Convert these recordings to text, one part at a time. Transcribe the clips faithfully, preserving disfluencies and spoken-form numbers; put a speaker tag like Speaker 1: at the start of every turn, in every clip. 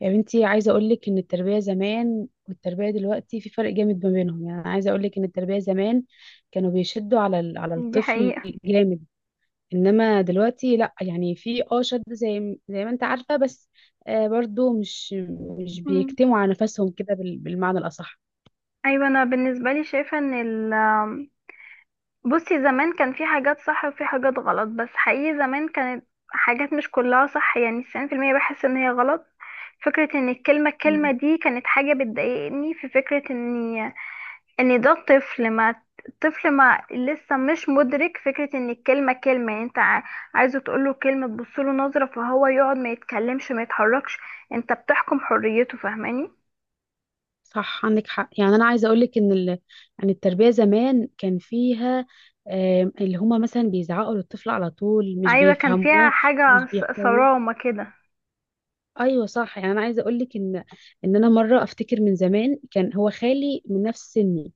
Speaker 1: يا بنتي، عايزة أقولك إن التربية زمان والتربية دلوقتي في فرق جامد ما بينهم. يعني عايزة أقولك إن التربية زمان كانوا بيشدوا على ال- على
Speaker 2: دي
Speaker 1: الطفل
Speaker 2: حقيقة.
Speaker 1: جامد. إنما دلوقتي لأ، يعني في اه شد زي م- زي ما أنت عارفة، بس آه برضو مش مش
Speaker 2: مم.
Speaker 1: بيكتموا على نفسهم كده بال- بالمعنى الأصح.
Speaker 2: أيوة، أنا بالنسبة لي شايفة إن ال بصي، زمان كان في حاجات صح وفي حاجات غلط، بس حقيقي زمان كانت حاجات مش كلها صح، يعني تسعون بالمائة بحس إن هي غلط. فكرة إن الكلمة الكلمة
Speaker 1: مم.
Speaker 2: دي كانت حاجة بتضايقني، في فكرة إن إن ده طفل ما الطفل ما لسه مش مدرك فكرة إن الكلمة كلمة، يعني أنت ع- عايزه تقوله كلمة تبصله نظرة فهو يقعد ما يتكلمش ما يتحركش، أنت بتحكم حريته، فاهماني.
Speaker 1: صح، عندك حق. يعني أنا عايزة أقولك إن ال... يعني التربية زمان كان فيها آه اللي هما مثلا بيزعقوا للطفل على طول، مش
Speaker 2: ايوه، كان فيها
Speaker 1: بيفهموه،
Speaker 2: حاجة
Speaker 1: مش
Speaker 2: ص-
Speaker 1: بيحتووه.
Speaker 2: صرامة كده.
Speaker 1: ايوه صح، يعني انا عايزه اقول لك ان ان انا مره افتكر من زمان كان هو خالي من نفس سني.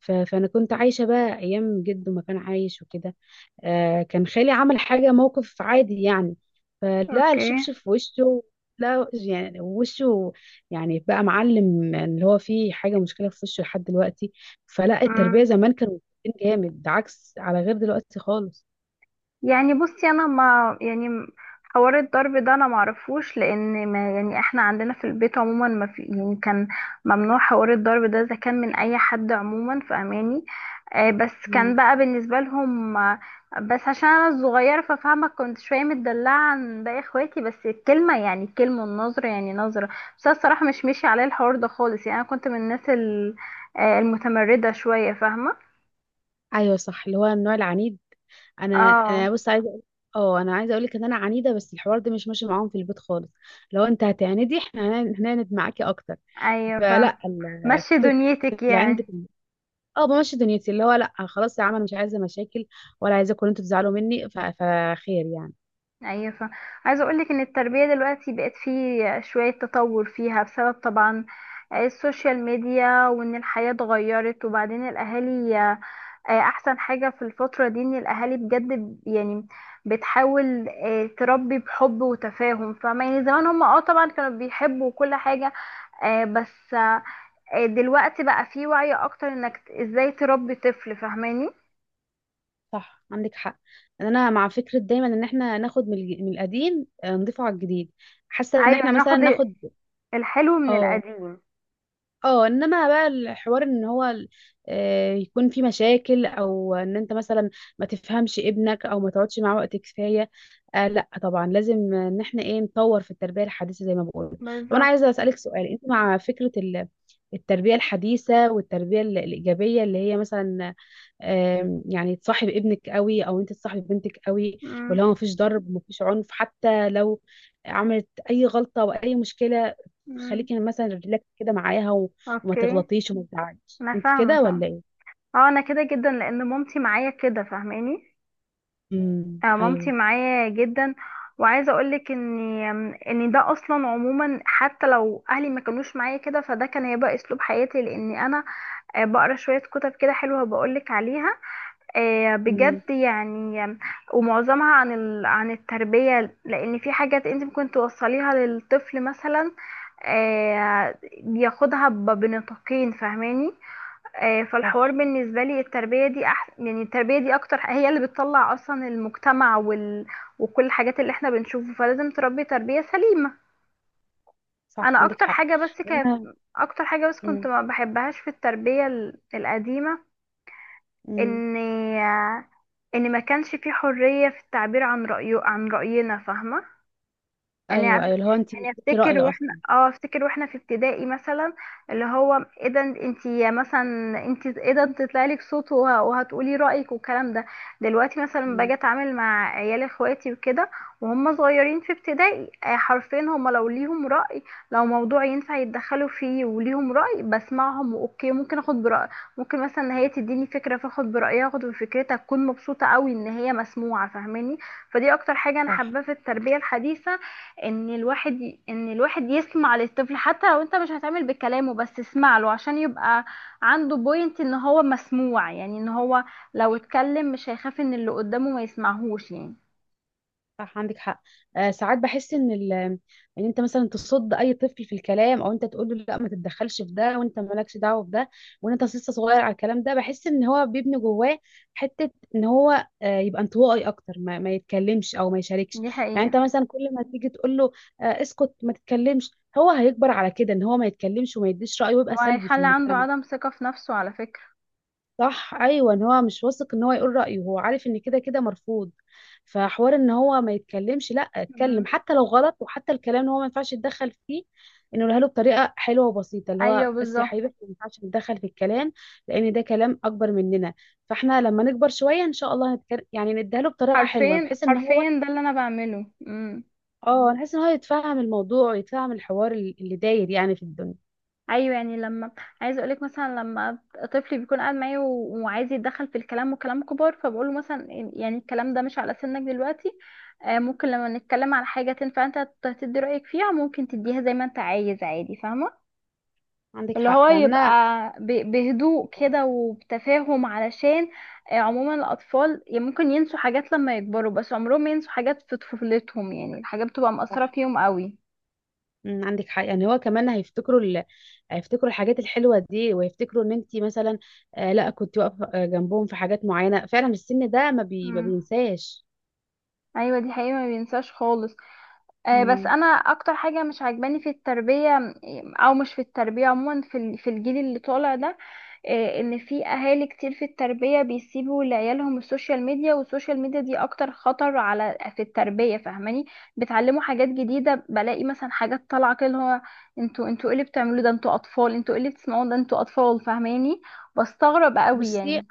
Speaker 1: ف... فانا كنت عايشه بقى ايام جده ما كان عايش وكده. آه كان خالي عمل حاجه، موقف عادي يعني، فلا
Speaker 2: اوكي.
Speaker 1: الشبشب في وشه. لا يعني وشه، يعني بقى معلم اللي هو فيه حاجه، مشكله في وشه لحد دلوقتي. فلا التربيه
Speaker 2: مم.
Speaker 1: زمان كانوا متربيين جامد، ده عكس، على غير دلوقتي خالص.
Speaker 2: يعني بصي انا ما يعني م- حوار الضرب ده انا معرفوش، لان ما يعني احنا عندنا في البيت عموما ما في، يعني كان ممنوع حوار الضرب ده اذا كان من اي حد عموما، فاهماني. آه بس
Speaker 1: مم.
Speaker 2: كان بقى بالنسبه لهم، آه، بس عشان انا الصغيره ففاهمه، كنت شويه متدلعه عن باقي اخواتي، بس الكلمه يعني الكلمه والنظره يعني نظره. بس أنا الصراحه مش ماشي عليه الحوار ده خالص، يعني انا كنت من الناس ال- آه، المتمرده شويه، فاهمه.
Speaker 1: ايوه صح، اللي هو النوع العنيد. انا
Speaker 2: اه.
Speaker 1: انا بص عايزه أقول- اه انا عايزه اقول لك ان انا عنيده، بس الحوار ده مش ماشي معاهم في البيت خالص. لو انت هتعندي احنا هن- هنعند معاكي اكتر.
Speaker 2: ايوه فاهمه.
Speaker 1: فلا ال-
Speaker 2: مشي
Speaker 1: فكره
Speaker 2: دنيتك
Speaker 1: اللي عندك.
Speaker 2: يعني.
Speaker 1: اه بمشي دنيتي، اللي هو لا خلاص يا عم، انا مش عايزه مشاكل ولا عايزاكم إن انتوا تزعلوا مني. ف- فخير يعني.
Speaker 2: ايوه، فا عايزه اقول لك ان التربيه دلوقتي بقت فيه شويه تطور فيها بسبب طبعا السوشيال ميديا، وان الحياه اتغيرت، وبعدين الاهالي، آه، احسن حاجه في الفتره دي ان الاهالي بجد ب- يعني بتحاول آه، تربي بحب وتفاهم. فما يعني زمان هم اه طبعا كانوا بيحبوا كل حاجه، آه، بس، آه، دلوقتي بقى فيه وعي اكتر انك ازاي تربي طفل، فاهماني.
Speaker 1: صح عندك حق. انا مع فكره دايما ان احنا ناخد من الج- من القديم، آه، نضيفه على الجديد. حاسه ان
Speaker 2: ايوه
Speaker 1: احنا
Speaker 2: ناخد
Speaker 1: مثلا ناخد.
Speaker 2: الحلو من
Speaker 1: اه
Speaker 2: القديم.
Speaker 1: اه انما بقى الحوار ان هو ال- آه، يكون في مشاكل، او ان انت مثلا ما تفهمش ابنك او ما تقعدش معاه وقت كفايه. آه لا، طبعا لازم ان احنا ايه، نطور في التربيه الحديثه زي ما بقول. طب انا
Speaker 2: بالظبط.
Speaker 1: عايزه اسالك سؤال، انت مع فكره ال- التربيه الحديثه والتربيه ال- الايجابيه، اللي هي مثلا آم، يعني تصاحب ابنك قوي او انت تصاحب بنتك قوي،
Speaker 2: مم.
Speaker 1: واللي هو مفيش ضرب مفيش عنف حتى لو عملت اي غلطة او اي مشكلة،
Speaker 2: مم.
Speaker 1: خليكي مثلا ريلاكس كده معاها، و- وما
Speaker 2: اوكي.
Speaker 1: تغلطيش وما تزعليش
Speaker 2: انا
Speaker 1: انت،
Speaker 2: فاهمه
Speaker 1: كده
Speaker 2: فاهمه.
Speaker 1: ولا ايه؟
Speaker 2: اه انا كده جدا، لان مامتي معايا كده، فاهماني.
Speaker 1: امم،
Speaker 2: آه مامتي
Speaker 1: ايوه.
Speaker 2: معايا جدا، وعايزه اقولك ان ان ده اصلا عموما حتى لو اهلي ما كانوش معايا كده، فده كان هيبقى اسلوب حياتي، لان انا آه بقرا شويه كتب كده حلوه بقولك عليها، آه
Speaker 1: امم.
Speaker 2: بجد يعني، آم، ومعظمها عن ال... عن التربيه، لان في حاجات انت ممكن توصليها للطفل مثلا، آه بياخدها ب- بنطاقين، فاهماني. آه، فالحوار
Speaker 1: صح.
Speaker 2: بالنسبة لي التربية دي أحسن، يعني التربية دي أكتر هي اللي بتطلع أصلا المجتمع وال... وكل الحاجات اللي احنا بنشوفه، فلازم تربي تربية سليمة.
Speaker 1: صح
Speaker 2: أنا
Speaker 1: عندك
Speaker 2: أكتر
Speaker 1: حق.
Speaker 2: حاجة بس كانت،
Speaker 1: لان،
Speaker 2: أكتر حاجة بس كنت
Speaker 1: امم.
Speaker 2: ما بحبهاش في التربية ال- القديمة،
Speaker 1: امم.
Speaker 2: إن آه، إن ما كانش في حرية في التعبير عن رأيه، عن رأينا، فاهمة. يعني
Speaker 1: ايوه،
Speaker 2: عارف-
Speaker 1: ايوه، اللي هو انت مش
Speaker 2: يعني
Speaker 1: ليكي
Speaker 2: افتكر
Speaker 1: رأي
Speaker 2: واحنا،
Speaker 1: اصلا.
Speaker 2: اه افتكر واحنا في ابتدائي مثلا، اللي هو ايه ده، انتي مثلا انتي ايه ده تطلع لك صوت وه- وهتقولي رأيك والكلام ده. دلوقتي مثلا
Speaker 1: امم.
Speaker 2: باجي اتعامل مع عيال اخواتي وكده وهم صغيرين في ابتدائي، آه، حرفيا هم لو ليهم رأي، لو موضوع ينفع يتدخلوا فيه وليهم رأي بسمعهم، اوكي ممكن اخد برأي، ممكن مثلا إن هي تديني فكرة فاخد برأيها اخد بفكرتها، اكون مبسوطة قوي ان هي مسموعة، فاهماني. فدي اكتر حاجة انا
Speaker 1: صح.
Speaker 2: حابة في التربية الحديثة، ان الواحد ي- ان الواحد يسمع للطفل، حتى لو انت مش هتعمل بكلامه بس اسمع له عشان يبقى عنده بوينت ان هو مسموع، يعني ان هو
Speaker 1: صح.
Speaker 2: لو اتكلم مش هيخاف ان اللي قدامه ما يسمعهوش يعني.
Speaker 1: صح عندك حق. آه ساعات بحس ان ال... ان انت مثلا تصد اي طفل في الكلام، او انت تقول له لا ما تتدخلش في ده وانت مالكش دعوه بده، وان انت لسه صغير على الكلام ده. بحس ان هو بيبني جواه حته ان هو آه يبقى انطوائي اكتر، ما, ما يتكلمش او ما يشاركش.
Speaker 2: دي
Speaker 1: يعني
Speaker 2: حقيقة.
Speaker 1: انت مثلا كل ما تيجي تقول له آه اسكت ما تتكلمش، هو هيكبر على كده ان هو ما يتكلمش وما يديش رايه ويبقى سلبي في
Speaker 2: وهيخلي عنده
Speaker 1: المجتمع.
Speaker 2: عدم ثقة في نفسه على فكرة.
Speaker 1: صح، ايوه ان هو مش واثق ان هو يقول رايه، هو عارف ان كده كده مرفوض. فحوار ان هو ما يتكلمش، لا اتكلم
Speaker 2: مم.
Speaker 1: حتى لو غلط، وحتى الكلام ان هو ما ينفعش يتدخل فيه، انه يقولها له بطريقه حلوه وبسيطه، اللي
Speaker 2: ايوه
Speaker 1: هو بس يا
Speaker 2: بالظبط.
Speaker 1: حبيبي احنا ما ينفعش نتدخل في الكلام لان ده كلام اكبر مننا، فاحنا لما نكبر شويه ان شاء الله هنتكلم. يعني نديها له بطريقه حلوه
Speaker 2: حرفيا
Speaker 1: بحيث ان هو،
Speaker 2: حرفيا ده اللي انا بعمله. مم.
Speaker 1: اه بحيث ان هو يتفهم الموضوع ويتفهم الحوار اللي اللي داير يعني في الدنيا.
Speaker 2: ايوه، يعني لما، عايزه اقولك مثلا لما طفلي بيكون قاعد معايا و- وعايز يتدخل في الكلام وكلام كبار، فبقوله مثلا يعني الكلام ده مش على سنك دلوقتي، آه، ممكن لما نتكلم على حاجه تنفع انت ت- تدي رايك فيها، ممكن تديها زي ما انت عايز عادي، فاهمه.
Speaker 1: عندك
Speaker 2: اللي
Speaker 1: حق
Speaker 2: هو
Speaker 1: يعني
Speaker 2: يبقى
Speaker 1: انا.
Speaker 2: ب- بهدوء كده وبتفاهم، علشان، آه، عموما الاطفال يعني ممكن ينسوا حاجات لما يكبروا، بس عمرهم ما ينسوا حاجات في طفولتهم، يعني الحاجات بتبقى
Speaker 1: صح.
Speaker 2: مأثره فيهم قوي.
Speaker 1: امم، عندك حق. يعني هو كمان هيفتكروا ال... هيفتكروا الحاجات الحلوه دي ويفتكروا ان انت مثلا آه لا كنت واقفه، آه، جنبهم في حاجات معينه. فعلا السن ده ما, بي... ما
Speaker 2: امم
Speaker 1: بينساش.
Speaker 2: ايوه. دي حقيقة، ما بينساش خالص. آه، بس
Speaker 1: مم.
Speaker 2: انا اكتر حاجه مش عاجباني في التربيه، او مش في التربيه عموما، في ال- في الجيل اللي طالع ده، آه، ان في اهالي كتير في التربيه بيسيبوا لعيالهم السوشيال ميديا، والسوشيال ميديا دي اكتر خطر على في التربيه، فاهماني. بتعلموا حاجات جديده، بلاقي مثلا حاجات طالعه كده اللي هو انتوا انتوا ايه اللي بتعملوه ده، انتوا اطفال، انتوا ايه اللي بتسمعوه ده، انتوا اطفال، فاهماني. بستغرب قوي
Speaker 1: بصي.
Speaker 2: يعني.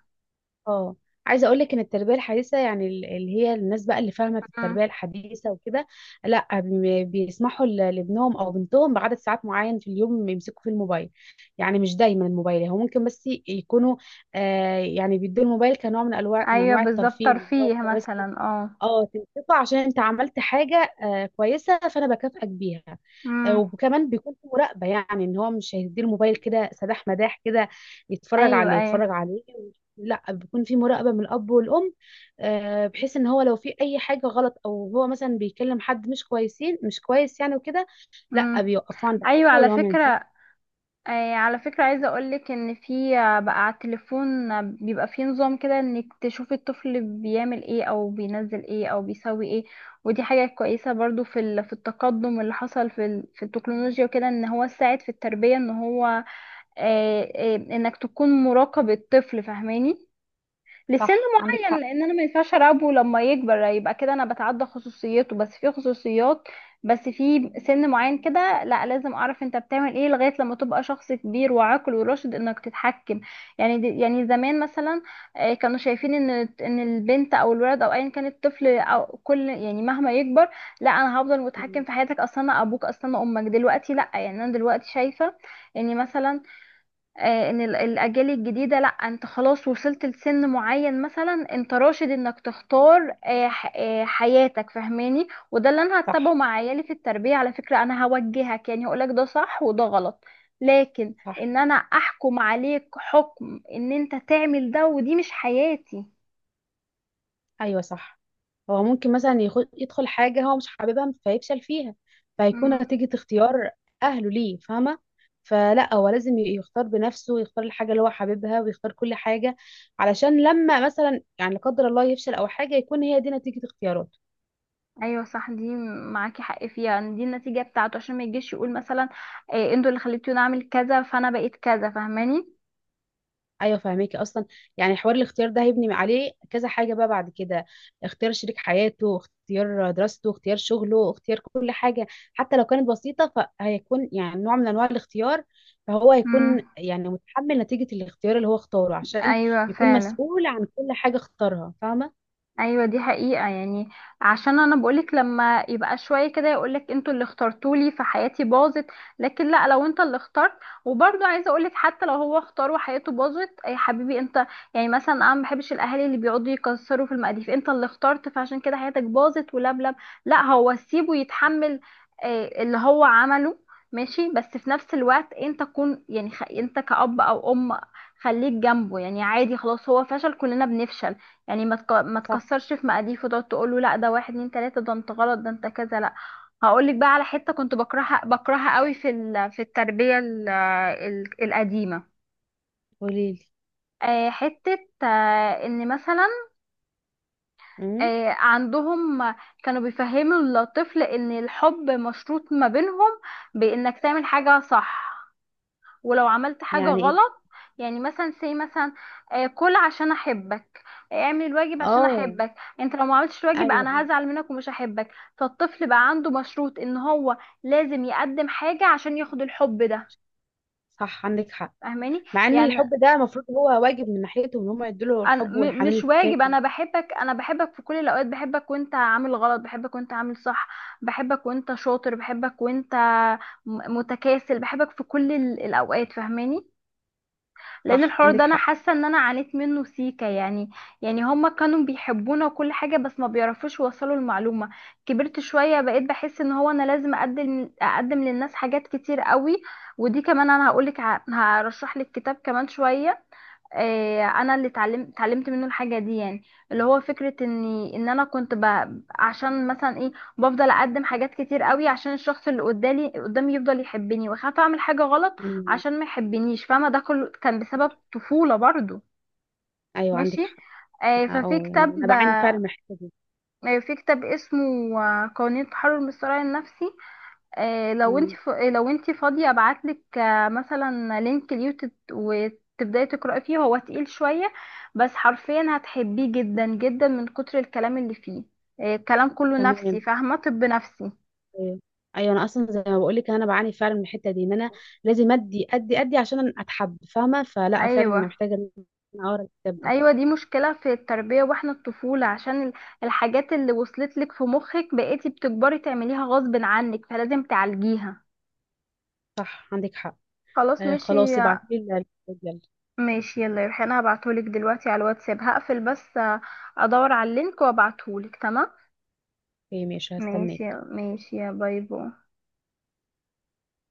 Speaker 1: اه عايزه اقول لك ان التربيه الحديثه يعني ال- اللي هي الناس بقى اللي فاهمه في
Speaker 2: مم.
Speaker 1: التربيه الحديثه وكده، لا بي- بيسمحوا ل- لابنهم او بنتهم بعدد ساعات معين في اليوم يمسكوا فيه الموبايل. يعني مش دايما الموبايل، هو ممكن بس يكونوا آه يعني بيدوا الموبايل كنوع من انواع من
Speaker 2: ايوه
Speaker 1: انواع
Speaker 2: بالظبط،
Speaker 1: الترفيه، اللي هو
Speaker 2: ترفيه
Speaker 1: انت بس
Speaker 2: مثلا. اه
Speaker 1: اه تنصفه عشان انت عملت حاجه آه كويسه فانا بكافئك بيها. آه
Speaker 2: امم.
Speaker 1: وكمان بيكون في مراقبه، يعني ان هو مش هيدي الموبايل كده سداح مداح كده يتفرج
Speaker 2: ايوه
Speaker 1: عليه
Speaker 2: ايوه.
Speaker 1: يتفرج عليه لا بيكون في مراقبه من الاب والام، آه بحيث ان هو لو في اي حاجه غلط، او هو مثلا بيكلم حد مش كويسين، مش كويس يعني وكده، لا
Speaker 2: امم.
Speaker 1: بيوقفوه عند
Speaker 2: ايوه
Speaker 1: حد
Speaker 2: على
Speaker 1: ولو ما ينفعش.
Speaker 2: فكره، آه، على فكره، عايزه اقولك ان في، آه، بقى على التليفون، آه، بيبقى في نظام كده انك تشوفي الطفل بيعمل ايه او بينزل ايه او بيسوي ايه، ودي حاجه كويسه برضو في ال- في التقدم اللي حصل في ال- في التكنولوجيا وكده، ان هو ساعد في التربيه، ان هو آه، آه، انك تكون مراقب الطفل، فاهماني. لسن
Speaker 1: صح عندك
Speaker 2: معين،
Speaker 1: حق
Speaker 2: لان انا ما ينفعش اراقبه لما يكبر، يبقى كده انا بتعدى خصوصيته، بس في خصوصيات، بس في سن معين كده لا، لازم اعرف انت بتعمل ايه لغايه لما تبقى شخص كبير وعاقل وراشد، انك تتحكم. يعني دي يعني زمان مثلا، آه، كانوا شايفين ان، ان البنت او الولد او ايا كان الطفل، او كل يعني مهما يكبر، لا انا هفضل متحكم
Speaker 1: يعني.
Speaker 2: في حياتك، اصلا انا ابوك، اصلا انا امك. دلوقتي لا، يعني انا دلوقتي شايفه اني مثلا، آه، ان ال- الاجيال الجديده لا، انت خلاص وصلت لسن معين مثلا، انت راشد انك تختار، آه، ح- آه، حياتك فهماني، وده اللي انا هتبعه
Speaker 1: صح.
Speaker 2: مع عيالي في التربيه على فكره. انا هوجهك، يعني هقولك ده صح وده غلط، لكن
Speaker 1: صح.
Speaker 2: ان انا احكم عليك حكم ان انت تعمل ده، ودي مش حياتي.
Speaker 1: ايوه صح. هو ممكن مثلا يخ- يدخل حاجة هو مش حاببها فيفشل فيها، فهيكون
Speaker 2: مم.
Speaker 1: نتيجة اختيار أهله ليه فاهمة. فلا هو لازم ي- يختار بنفسه ويختار الحاجة اللي هو حاببها ويختار كل حاجة، علشان لما مثلا يعني لا قدر الله يفشل أو حاجة يكون هي دي نتيجة اختياراته.
Speaker 2: ايوه صح دي. معاكي حق فيها، يعني دي النتيجه بتاعته، عشان ما يجيش يقول مثلا، آه، انتوا اللي خليتوني اعمل كذا، فانا بقيت كذا، فاهماني.
Speaker 1: ايوه فاهماكي اصلا. يعني حوار الاختيار ده هيبني عليه كذا حاجه بقى بعد كده، اختيار شريك حياته، اختيار دراسته، اختيار شغله، اختيار كل حاجه حتى لو كانت بسيطه. فهيكون يعني نوع من انواع الاختيار، فهو هيكون
Speaker 2: مم.
Speaker 1: يعني متحمل نتيجه الاختيار اللي هو اختاره، عشان
Speaker 2: ايوه
Speaker 1: يكون
Speaker 2: فعلا.
Speaker 1: مسؤول عن كل حاجه اختارها، فاهمه.
Speaker 2: ايوه دي حقيقة، يعني عشان انا بقولك لما يبقى شوية كده يقولك انتوا اللي اخترتولي فحياتي باظت، لكن لا، لو انت اللي اخترت. وبرضه عايزة اقولك حتى لو هو اختار وحياته باظت يا حبيبي انت، يعني مثلا انا ما بحبش الاهالي اللي بيقعدوا يكسروا في المقاديف، انت اللي اخترت فعشان كده حياتك باظت ولبلب، لا، هو سيبه يتحمل، آه، اللي هو عمله، ماشي. بس في نفس الوقت انت كن يعني خ... انت كأب او ام، خليك جنبه يعني عادي، خلاص هو فشل، كلنا بنفشل، يعني ما تك... ما
Speaker 1: صح.
Speaker 2: تكسرش في مقاديف وتقعد تقول له لا ده واحد اتنين تلاته ده انت غلط ده انت كذا لا. هقول لك بقى على حته كنت بكرهها بكرهها قوي في ال... في التربيه ال... ال... القديمه،
Speaker 1: قوليلي.
Speaker 2: آه، حته، آه، ان مثلا،
Speaker 1: امم.
Speaker 2: آه، عندهم كانوا بيفهموا الطفل ان الحب مشروط ما بينهم، بانك تعمل حاجه صح، ولو عملت حاجة
Speaker 1: يعني ايه؟
Speaker 2: غلط، يعني مثلا سي مثلا، آه، كل عشان احبك، آه، اعمل الواجب عشان
Speaker 1: اه.
Speaker 2: احبك، انت لو ما عملتش الواجب
Speaker 1: ايوه،
Speaker 2: انا
Speaker 1: ايوه.
Speaker 2: هزعل منك ومش هحبك، فالطفل بقى عنده مشروط ان هو لازم يقدم حاجة عشان ياخد الحب ده،
Speaker 1: صح عندك حق.
Speaker 2: فاهماني.
Speaker 1: مع ان
Speaker 2: يعني
Speaker 1: الحب ده المفروض هو واجب من ناحيته، ان هم يدوا له
Speaker 2: أنا
Speaker 1: الحب
Speaker 2: م-
Speaker 1: والحنان
Speaker 2: مش واجب، انا
Speaker 1: الكافي.
Speaker 2: بحبك، انا بحبك في كل الاوقات، بحبك وانت عامل غلط، بحبك وانت عامل صح، بحبك وانت شاطر، بحبك وانت م- متكاسل، بحبك في كل ال- الاوقات، فاهماني. لان
Speaker 1: صح
Speaker 2: الحوار
Speaker 1: عندك
Speaker 2: ده انا
Speaker 1: حق.
Speaker 2: حاسه ان انا عانيت منه سيكا يعني، يعني هما كانوا بيحبونا وكل حاجه بس ما بيعرفوش يوصلوا المعلومه. كبرت شويه بقيت بحس ان هو انا لازم اقدم اقدم للناس حاجات كتير قوي، ودي كمان انا هقولك ع- هرشح لك كتاب كمان شويه، آه، انا اللي اتعلمت اتعلمت منه الحاجه دي يعني، اللي هو فكره اني ان انا كنت ب... عشان مثلا ايه، بفضل اقدم حاجات كتير قوي عشان الشخص اللي قدامي قدامي يفضل يحبني، واخاف اعمل حاجه غلط
Speaker 1: مم.
Speaker 2: عشان ما يحبنيش، فاهمه، ده كله كان بسبب طفوله برضو.
Speaker 1: ايوه
Speaker 2: ماشي.
Speaker 1: عندك حق.
Speaker 2: آه، ففي
Speaker 1: اه يعني انا
Speaker 2: كتاب
Speaker 1: بعاني
Speaker 2: آه،
Speaker 1: فعلا من الحته دي.
Speaker 2: في كتاب اسمه، آه، قوانين التحرر من الصراع النفسي. آه، لو انت
Speaker 1: مم.
Speaker 2: ف... آه، لو انت فاضيه ابعتلك، آه، مثلا لينك اليوتيوب وتبداي تقراي فيه، هو تقيل شويه بس حرفيا هتحبيه جدا جدا من كتر الكلام اللي فيه، آه، الكلام كله
Speaker 1: تمام.
Speaker 2: نفسي فاهمه، طب نفسي.
Speaker 1: ايوه. أيوة، انا اصلا زي ما بقول لك انا بعاني فعلا من الحته دي، ان انا لازم ادي ادي ادي عشان اتحب، فاهمه؟ فلا فعلا
Speaker 2: ايوه
Speaker 1: انا محتاجه ان انا اقرا الكتاب ده.
Speaker 2: ايوه، دي مشكله في التربيه واحنا الطفوله عشان ال- الحاجات اللي وصلت لك في مخك بقيتي بتكبري تعمليها غصب عنك، فلازم تعالجيها.
Speaker 1: صح عندك حق.
Speaker 2: خلاص
Speaker 1: آه
Speaker 2: ماشي.
Speaker 1: خلاص ابعتي لي الكتاب يلا.
Speaker 2: ماشي يلا يا ريحان، هبعتهولك دلوقتي على الواتساب، هقفل بس، آه، ادور على اللينك وابعتهولك، تمام.
Speaker 1: اوكي ماشي،
Speaker 2: ماشي
Speaker 1: هستناك.
Speaker 2: يا، ماشي، يا باي باي.